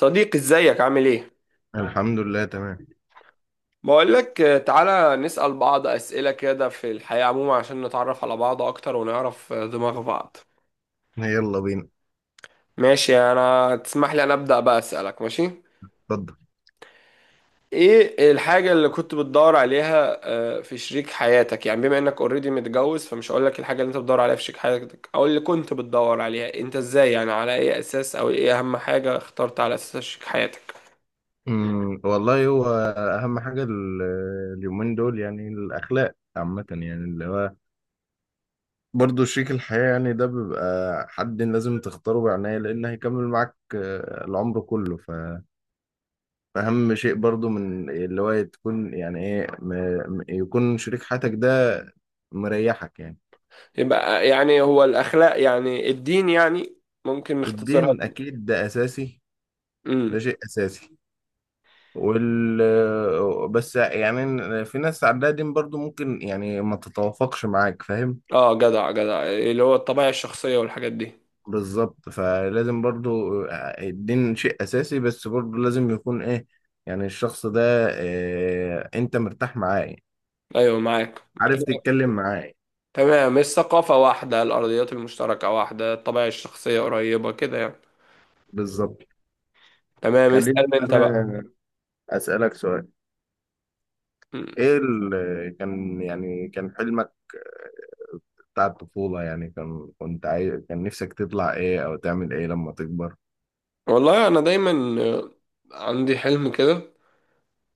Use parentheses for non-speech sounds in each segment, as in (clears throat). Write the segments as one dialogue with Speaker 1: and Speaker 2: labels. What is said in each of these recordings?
Speaker 1: صديقي، ازيك عامل ايه؟
Speaker 2: الحمد لله، تمام.
Speaker 1: بقولك تعالى نسأل بعض أسئلة كده في الحياة عموما عشان نتعرف على بعض أكتر ونعرف دماغ بعض.
Speaker 2: يلا بينا.
Speaker 1: ماشي، أنا تسمح لي أنا أبدأ بقى أسألك ماشي؟
Speaker 2: اتفضل.
Speaker 1: ايه الحاجة اللي كنت بتدور عليها في شريك حياتك؟ يعني بما انك اوريدي متجوز، فمش هقولك الحاجة اللي انت بتدور عليها في شريك حياتك او اللي كنت بتدور عليها، انت ازاي يعني، على اي اساس او ايه اهم حاجة اخترت على اساسها شريك حياتك؟
Speaker 2: والله هو اهم حاجه اليومين دول يعني الاخلاق عامه، يعني اللي هو برضه شريك الحياه، يعني ده بيبقى حد لازم تختاره بعناية لان هيكمل معاك العمر كله. فاهم شيء برضه من اللي هو تكون يعني ايه يكون شريك حياتك ده مريحك يعني.
Speaker 1: يبقى يعني هو الأخلاق، يعني الدين يعني، ممكن نختصرها.
Speaker 2: الدين اكيد ده اساسي، ده
Speaker 1: امم.
Speaker 2: شيء اساسي وال بس يعني في ناس عندها دين برضو ممكن يعني ما تتوافقش معاك، فاهم.
Speaker 1: اه، جدع جدع، اللي هو الطبيعة الشخصية والحاجات دي.
Speaker 2: بالظبط فلازم برضو الدين شيء أساسي، بس برضو لازم يكون إيه، يعني الشخص ده إيه، أنت مرتاح معاه،
Speaker 1: ايوه، معاك.
Speaker 2: عارف
Speaker 1: تمام.
Speaker 2: تتكلم معاه.
Speaker 1: تمام، الثقافة واحدة، الأرضيات المشتركة واحدة، الطبيعة الشخصية قريبة كده يعني.
Speaker 2: بالظبط.
Speaker 1: تمام،
Speaker 2: خليني
Speaker 1: اسأل انت بقى.
Speaker 2: أنا أسألك سؤال.
Speaker 1: م.
Speaker 2: إيه كان يعني كان حلمك بتاع الطفولة، يعني كان كنت عايز كان نفسك تطلع إيه أو تعمل إيه لما تكبر؟
Speaker 1: والله انا دايما آه، عندي حلم كده،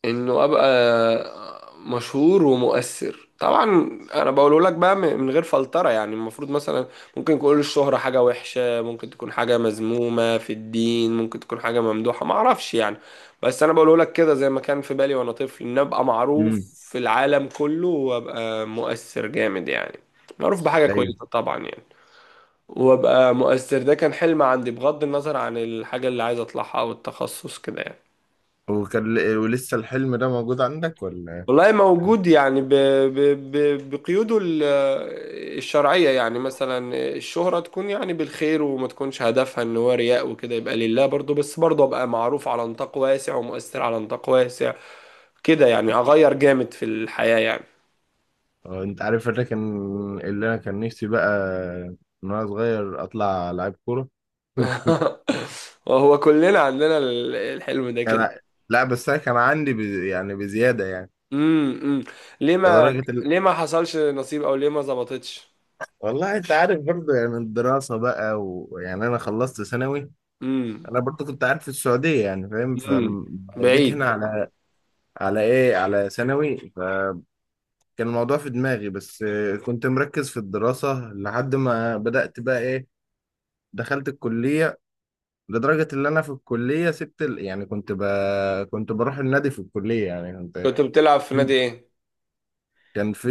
Speaker 1: انه ابقى مشهور ومؤثر طبعا. انا بقوله لك بقى من غير فلترة، يعني المفروض مثلا ممكن تقول الشهرة حاجة وحشة، ممكن تكون حاجة مذمومة في الدين، ممكن تكون حاجة ممدوحة، ما اعرفش يعني. بس انا بقوله لك كده زي ما كان في بالي وانا طفل، ان ابقى معروف
Speaker 2: امم.
Speaker 1: في العالم كله وابقى مؤثر جامد يعني، معروف بحاجة كويسة طبعا يعني. وابقى مؤثر، ده كان حلم عندي بغض النظر عن الحاجة اللي عايز اطلعها او التخصص كده يعني.
Speaker 2: وكان ولسه الحلم ده موجود عندك ولا؟
Speaker 1: والله موجود يعني، بقيوده الشرعية، يعني مثلا الشهرة تكون يعني بالخير وما تكونش هدفها ان هو رياء وكده، يبقى لله برضو، بس برضو ابقى معروف على نطاق واسع ومؤثر على نطاق واسع، كده يعني، اغير جامد في الحياة يعني.
Speaker 2: انت عارف انا كان اللي انا كان نفسي بقى من وانا صغير اطلع لعيب كوره. (laughs)
Speaker 1: (laughs) وهو كلنا عندنا الحلم ده كده.
Speaker 2: انا لا بس انا كان عندي يعني بزياده يعني
Speaker 1: امم. ليه ما
Speaker 2: لدرجه.
Speaker 1: ليه ما حصلش نصيب، او ليه ما ظبطتش.
Speaker 2: والله انت عارف برضه يعني الدراسه بقى، ويعني انا خلصت ثانوي.
Speaker 1: امم.
Speaker 2: انا برضه كنت قاعد في السعوديه يعني فاهم،
Speaker 1: امم.
Speaker 2: فجيت
Speaker 1: بعيد.
Speaker 2: هنا على ايه، على ثانوي، فكان الموضوع في دماغي، بس كنت مركز في الدراسه لحد ما بدات بقى ايه، دخلت الكليه. لدرجة إن أنا في الكلية سبت. يعني كنت بروح النادي في الكلية يعني، كنت،
Speaker 1: كنت بتلعب في نادي ايه؟
Speaker 2: كان في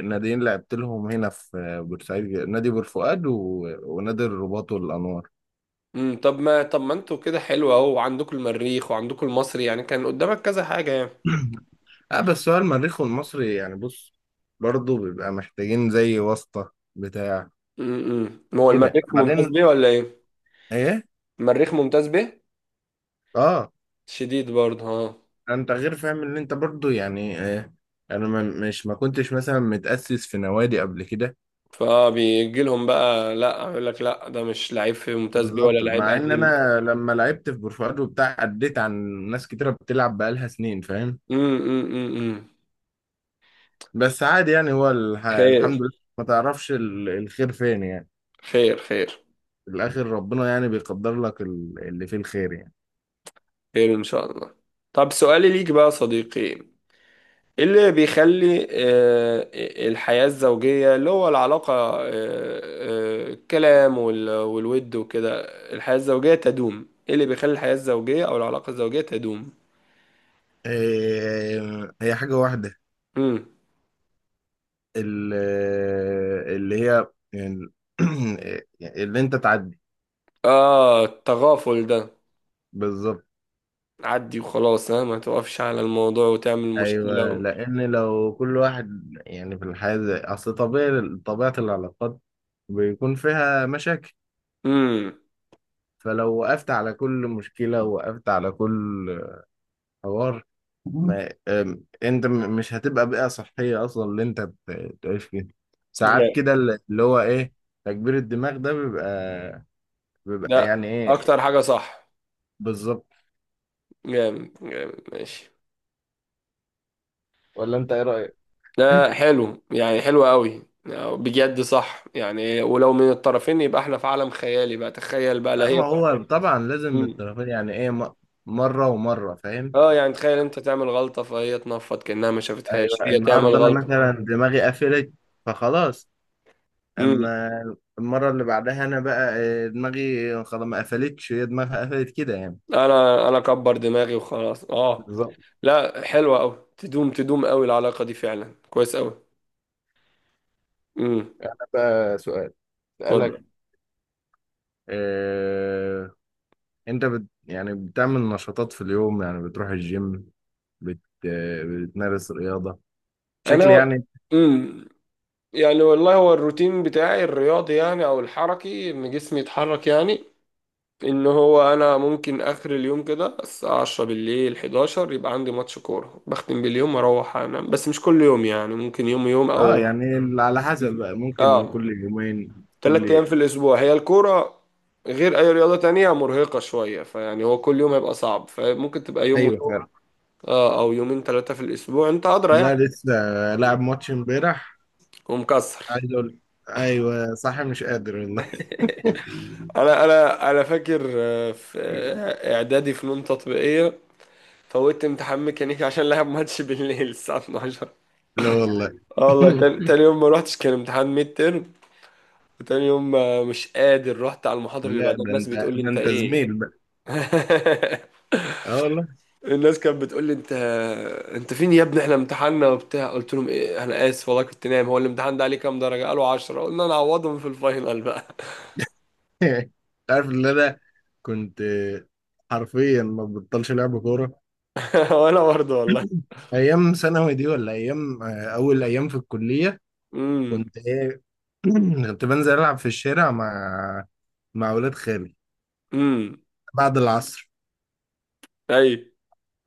Speaker 2: ناديين لعبت لهم هنا في بورسعيد، نادي بورفؤاد ونادي الرباط والأنوار.
Speaker 1: امم، طب ما انتوا كده حلو اهو، وعندكم المريخ وعندكم المصري، يعني كان قدامك كذا حاجة يعني.
Speaker 2: (clears throat) اه، بس هو المريخ والمصري يعني بص، برضه بيبقى محتاجين زي واسطة بتاع،
Speaker 1: امم، ما هو
Speaker 2: كده
Speaker 1: المريخ ممتاز
Speaker 2: بعدين.
Speaker 1: بيه ولا ايه؟
Speaker 2: ايه.
Speaker 1: المريخ ممتاز بيه؟
Speaker 2: اه.
Speaker 1: شديد برضه، اه.
Speaker 2: انت غير فاهم ان انت برضه يعني إيه؟ انا ما كنتش مثلا متأسس في نوادي قبل كده.
Speaker 1: فبيجي لهم بقى لا يقول لك: لا، ده مش لعيب في ممتاز بيه ولا
Speaker 2: بالظبط،
Speaker 1: لعيب
Speaker 2: مع ان
Speaker 1: قديم.
Speaker 2: انا لما لعبت في برفوات وبتاع عديت عن ناس كتيره بتلعب بقالها سنين فاهم.
Speaker 1: امم. امم. امم.
Speaker 2: بس عادي يعني هو الحمد
Speaker 1: خير.
Speaker 2: لله، ما تعرفش الخير فين يعني.
Speaker 1: خير. خير.
Speaker 2: في الاخر ربنا يعني بيقدر لك اللي فيه الخير يعني.
Speaker 1: خير ان شاء الله. طب سؤالي ليك بقى يا صديقي، إيه اللي بيخلي الحياة الزوجية، اللي هو العلاقة، الكلام والود وكده، الحياة الزوجية تدوم؟ ايه اللي بيخلي الحياة الزوجية او العلاقة الزوجية تدوم؟
Speaker 2: إيه، هي حاجه واحده
Speaker 1: امم.
Speaker 2: ال... اللي هي ال... (clears throat) اللي انت تعدي.
Speaker 1: اه، التغافل ده.
Speaker 2: بالظبط.
Speaker 1: عدي وخلاص، ها، ما توقفش على الموضوع وتعمل مشكلة
Speaker 2: ايوه،
Speaker 1: و...
Speaker 2: لان لو كل واحد يعني في الحياه اصل طبيعي، طبيعه العلاقات بيكون فيها مشاكل.
Speaker 1: امم.
Speaker 2: فلو وقفت على كل مشكلة ووقفت على كل حوار، ما أم- انت مش هتبقى بيئة صحية اصلا اللي انت بتعيش فيها. ساعات
Speaker 1: جامد.
Speaker 2: كده اللي هو ايه، تكبير الدماغ ده بيبقى،
Speaker 1: ده
Speaker 2: يعني ايه.
Speaker 1: اكتر حاجة، صح.
Speaker 2: بالظبط.
Speaker 1: جامد جامد، ماشي.
Speaker 2: ولا انت ايه رأيك؟
Speaker 1: ده
Speaker 2: (laughs)
Speaker 1: حلو يعني، حلو قوي. بجد، صح يعني، ولو من الطرفين يبقى احنا في عالم خيالي بقى، تخيل بقى، لا
Speaker 2: لا ما
Speaker 1: هي...
Speaker 2: هو طبعا لازم
Speaker 1: مم.
Speaker 2: الطرفين، يعني ايه مرة ومرة فاهم؟
Speaker 1: اه يعني تخيل انت تعمل غلطة فهي تنفض كأنها ما شافتهاش،
Speaker 2: ايوه
Speaker 1: هي تعمل
Speaker 2: النهارده انا
Speaker 1: غلطة...
Speaker 2: مثلا دماغي قفلت، فخلاص.
Speaker 1: مم.
Speaker 2: اما المره اللي بعدها انا بقى دماغي خلاص ما قفلتش، هي دماغها قفلت كده يعني.
Speaker 1: انا اكبر دماغي وخلاص، اه.
Speaker 2: بالظبط.
Speaker 1: لا، حلوة قوي، تدوم تدوم قوي العلاقة دي فعلا، كويس قوي. امم.
Speaker 2: ده بقى سؤال سألك.
Speaker 1: اتفضل.
Speaker 2: آه، انت يعني بتعمل نشاطات في اليوم، يعني بتروح الجيم، بت بتمارس رياضة بشكل
Speaker 1: انا.
Speaker 2: يعني.
Speaker 1: امم. يعني والله هو الروتين بتاعي الرياضي يعني، او الحركي، ان جسمي يتحرك يعني. ان هو انا ممكن اخر اليوم كده الساعة 10 بالليل، 11 يبقى عندي ماتش كورة بختم باليوم واروح انام، بس مش كل يوم يعني، ممكن يوم يوم
Speaker 2: اه
Speaker 1: او...
Speaker 2: يعني على حسب بقى، ممكن
Speaker 1: اه،
Speaker 2: كل يومين
Speaker 1: 3 ايام
Speaker 2: كل.
Speaker 1: في الاسبوع هي الكورة، غير اي رياضة تانية مرهقة شوية، فيعني هو كل يوم هيبقى صعب، فممكن تبقى يوم
Speaker 2: ايوه
Speaker 1: ويوم.
Speaker 2: فعلا.
Speaker 1: اه، او يومين ثلاثة في الاسبوع، انت ادرى
Speaker 2: والله
Speaker 1: يعني.
Speaker 2: لسه لاعب ماتش امبارح،
Speaker 1: ومكسر.
Speaker 2: عايز اقول، ايوه صح مش قادر والله.
Speaker 1: انا فاكر، في
Speaker 2: (laughs)
Speaker 1: اعدادي فنون تطبيقية، فوتت امتحان ميكانيكي عشان لعب ماتش بالليل الساعة 12.
Speaker 2: لا والله.
Speaker 1: اه والله، تاني
Speaker 2: (laughs)
Speaker 1: تاني يوم ما روحتش، كان امتحان ميد ترم. وتاني يوم مش قادر، رحت على المحاضرة اللي
Speaker 2: لا
Speaker 1: بعدها،
Speaker 2: ده
Speaker 1: الناس
Speaker 2: انت
Speaker 1: بتقول لي: انت ايه؟
Speaker 2: زميل بقى.
Speaker 1: (laughs)
Speaker 2: اه والله (laughs)
Speaker 1: الناس كانت بتقول لي: انت انت فين يا ابني، احنا امتحاننا وبتاع. قلت لهم: ايه؟ انا اسف والله كنت نايم. هو الامتحان ده عليه كام درجة؟ قالوا: 10. قلنا: نعوضهم في الفاينل بقى.
Speaker 2: انت عارف ان انا كنت حرفيا ما ببطلش لعب كوره.
Speaker 1: (laughs) وانا برضه
Speaker 2: (clears throat)
Speaker 1: والله.
Speaker 2: (laughs) ايام ثانوي دي ولا ايام اول ايام في الكليه،
Speaker 1: امم.
Speaker 2: كنت ايه. (clears throat) كنت بنزل العب في الشارع مع اولاد خالي
Speaker 1: امم.
Speaker 2: بعد العصر.
Speaker 1: اي.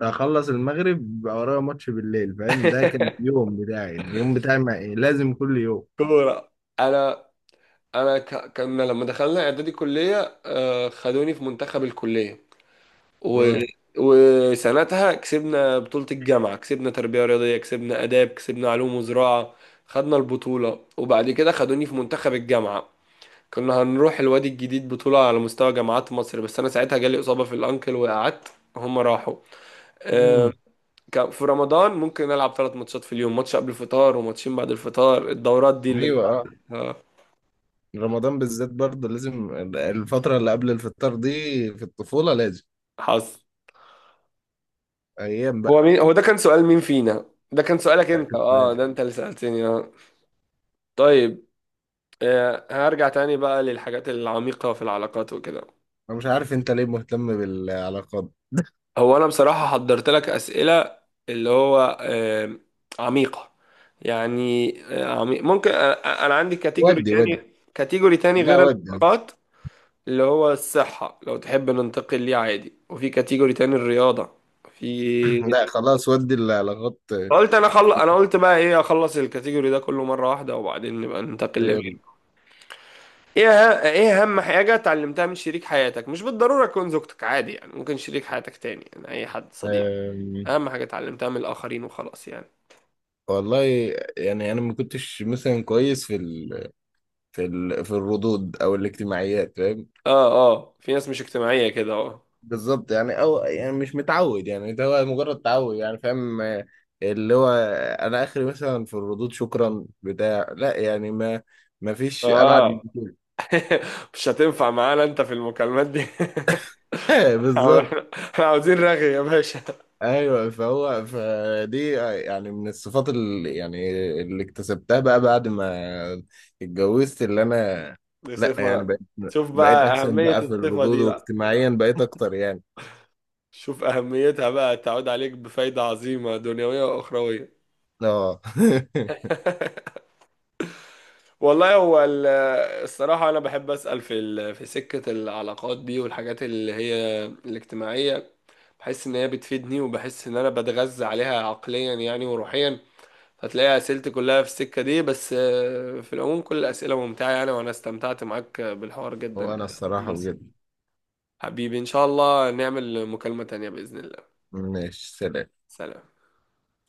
Speaker 2: اخلص المغرب بقى ورايا ماتش بالليل فاهم، ده كان
Speaker 1: (laughs)
Speaker 2: اليوم بتاعي، اليوم بتاعي مع إيه؟ لازم كل يوم.
Speaker 1: كورة. انا. كنا لما دخلنا اعدادي كلية، خدوني في منتخب الكلية، و...
Speaker 2: اه.
Speaker 1: وسنتها كسبنا بطولة الجامعة، كسبنا تربية رياضية، كسبنا آداب، كسبنا علوم وزراعة، خدنا البطولة. وبعد كده خدوني في منتخب الجامعة. كنا هنروح الوادي الجديد، بطولة على مستوى جامعات مصر، بس أنا ساعتها جالي إصابة في الأنكل وقعدت، هما راحوا. آه،
Speaker 2: أمم.
Speaker 1: كان في رمضان ممكن ألعب 3 ماتشات في اليوم، ماتش قبل الفطار وماتشين بعد الفطار. الدورات دي اللي
Speaker 2: ايوه آه.
Speaker 1: انت...
Speaker 2: رمضان بالذات برضه لازم، الفترة اللي قبل الفطار دي في الطفولة لازم
Speaker 1: حصل.
Speaker 2: أيام
Speaker 1: هو
Speaker 2: بقى.
Speaker 1: مين؟ هو ده كان سؤال مين فينا؟ ده كان سؤالك انت،
Speaker 2: كانت
Speaker 1: اه،
Speaker 2: معايا.
Speaker 1: ده انت اللي سألتني، اه. طيب، هرجع تاني بقى للحاجات العميقة في العلاقات وكده.
Speaker 2: أنا مش عارف أنت ليه مهتم بالعلاقات.
Speaker 1: هو أنا بصراحة حضرت لك أسئلة اللي هو عميقة، يعني عميق ممكن. أنا عندي كاتيجوري
Speaker 2: ودي
Speaker 1: تاني، كاتيجوري تاني
Speaker 2: لا
Speaker 1: غير
Speaker 2: ودي.
Speaker 1: العلاقات، اللي هو الصحة، لو تحب ننتقل ليه عادي، وفي كاتيجوري تاني الرياضة. في...
Speaker 2: (clears throat) لا خلاص، ودي العلاقات.
Speaker 1: قلت أنا، أنا قلت بقى: إيه، أخلص الكاتيجوري ده كله مرة واحدة وبعدين نبقى ننتقل.
Speaker 2: يلا.
Speaker 1: ايه اهم حاجة اتعلمتها من شريك حياتك؟ مش بالضرورة تكون زوجتك، عادي يعني، ممكن شريك حياتك تاني يعني، اي حد صديق.
Speaker 2: أم،
Speaker 1: اهم حاجة اتعلمتها من الاخرين وخلاص يعني.
Speaker 2: والله يعني أنا ما كنتش مثلا كويس في الردود أو الاجتماعيات فاهم.
Speaker 1: اه. اه، في ناس مش اجتماعية كده، اه.
Speaker 2: بالظبط يعني، او يعني مش متعود يعني، ده هو مجرد تعود يعني فاهم اللي هو انا اخري مثلا في الردود شكرا بتاع لا، يعني ما فيش ابعد من
Speaker 1: اه.
Speaker 2: كده.
Speaker 1: (laughs) مش هتنفع معانا انت في المكالمات دي.
Speaker 2: (laughs)
Speaker 1: (laughs) احنا
Speaker 2: بالظبط.
Speaker 1: إحنا عاوزين رغي يا باشا.
Speaker 2: ايوه فهو فدي يعني من الصفات اللي يعني اللي اكتسبتها بقى بعد ما اتجوزت اللي انا،
Speaker 1: (laughs) دي
Speaker 2: لا
Speaker 1: صفة
Speaker 2: يعني
Speaker 1: بقى. شوف
Speaker 2: بقيت
Speaker 1: بقى
Speaker 2: احسن
Speaker 1: أهمية
Speaker 2: بقى في
Speaker 1: الصفة
Speaker 2: الردود،
Speaker 1: دي بقى.
Speaker 2: واجتماعيا بقيت اكتر يعني.
Speaker 1: شوف أهميتها بقى، تعود عليك بفايدة عظيمة دنيوية وأخروية.
Speaker 2: اه
Speaker 1: (laughs) والله هو الصراحة أنا بحب أسأل في في سكة العلاقات دي والحاجات اللي هي الاجتماعية، بحس إن هي بتفيدني وبحس إن أنا بتغذى عليها عقليا يعني وروحيا. هتلاقي أسئلتي كلها في السكة دي، بس في العموم كل الأسئلة ممتعة يعني، وأنا استمتعت معاك بالحوار
Speaker 2: (laughs)
Speaker 1: جدا.
Speaker 2: وانا الصراحة
Speaker 1: بس،
Speaker 2: بجد.
Speaker 1: حبيبي، إن شاء الله نعمل مكالمة تانية بإذن الله.
Speaker 2: ماشي، سلام.
Speaker 1: سلام.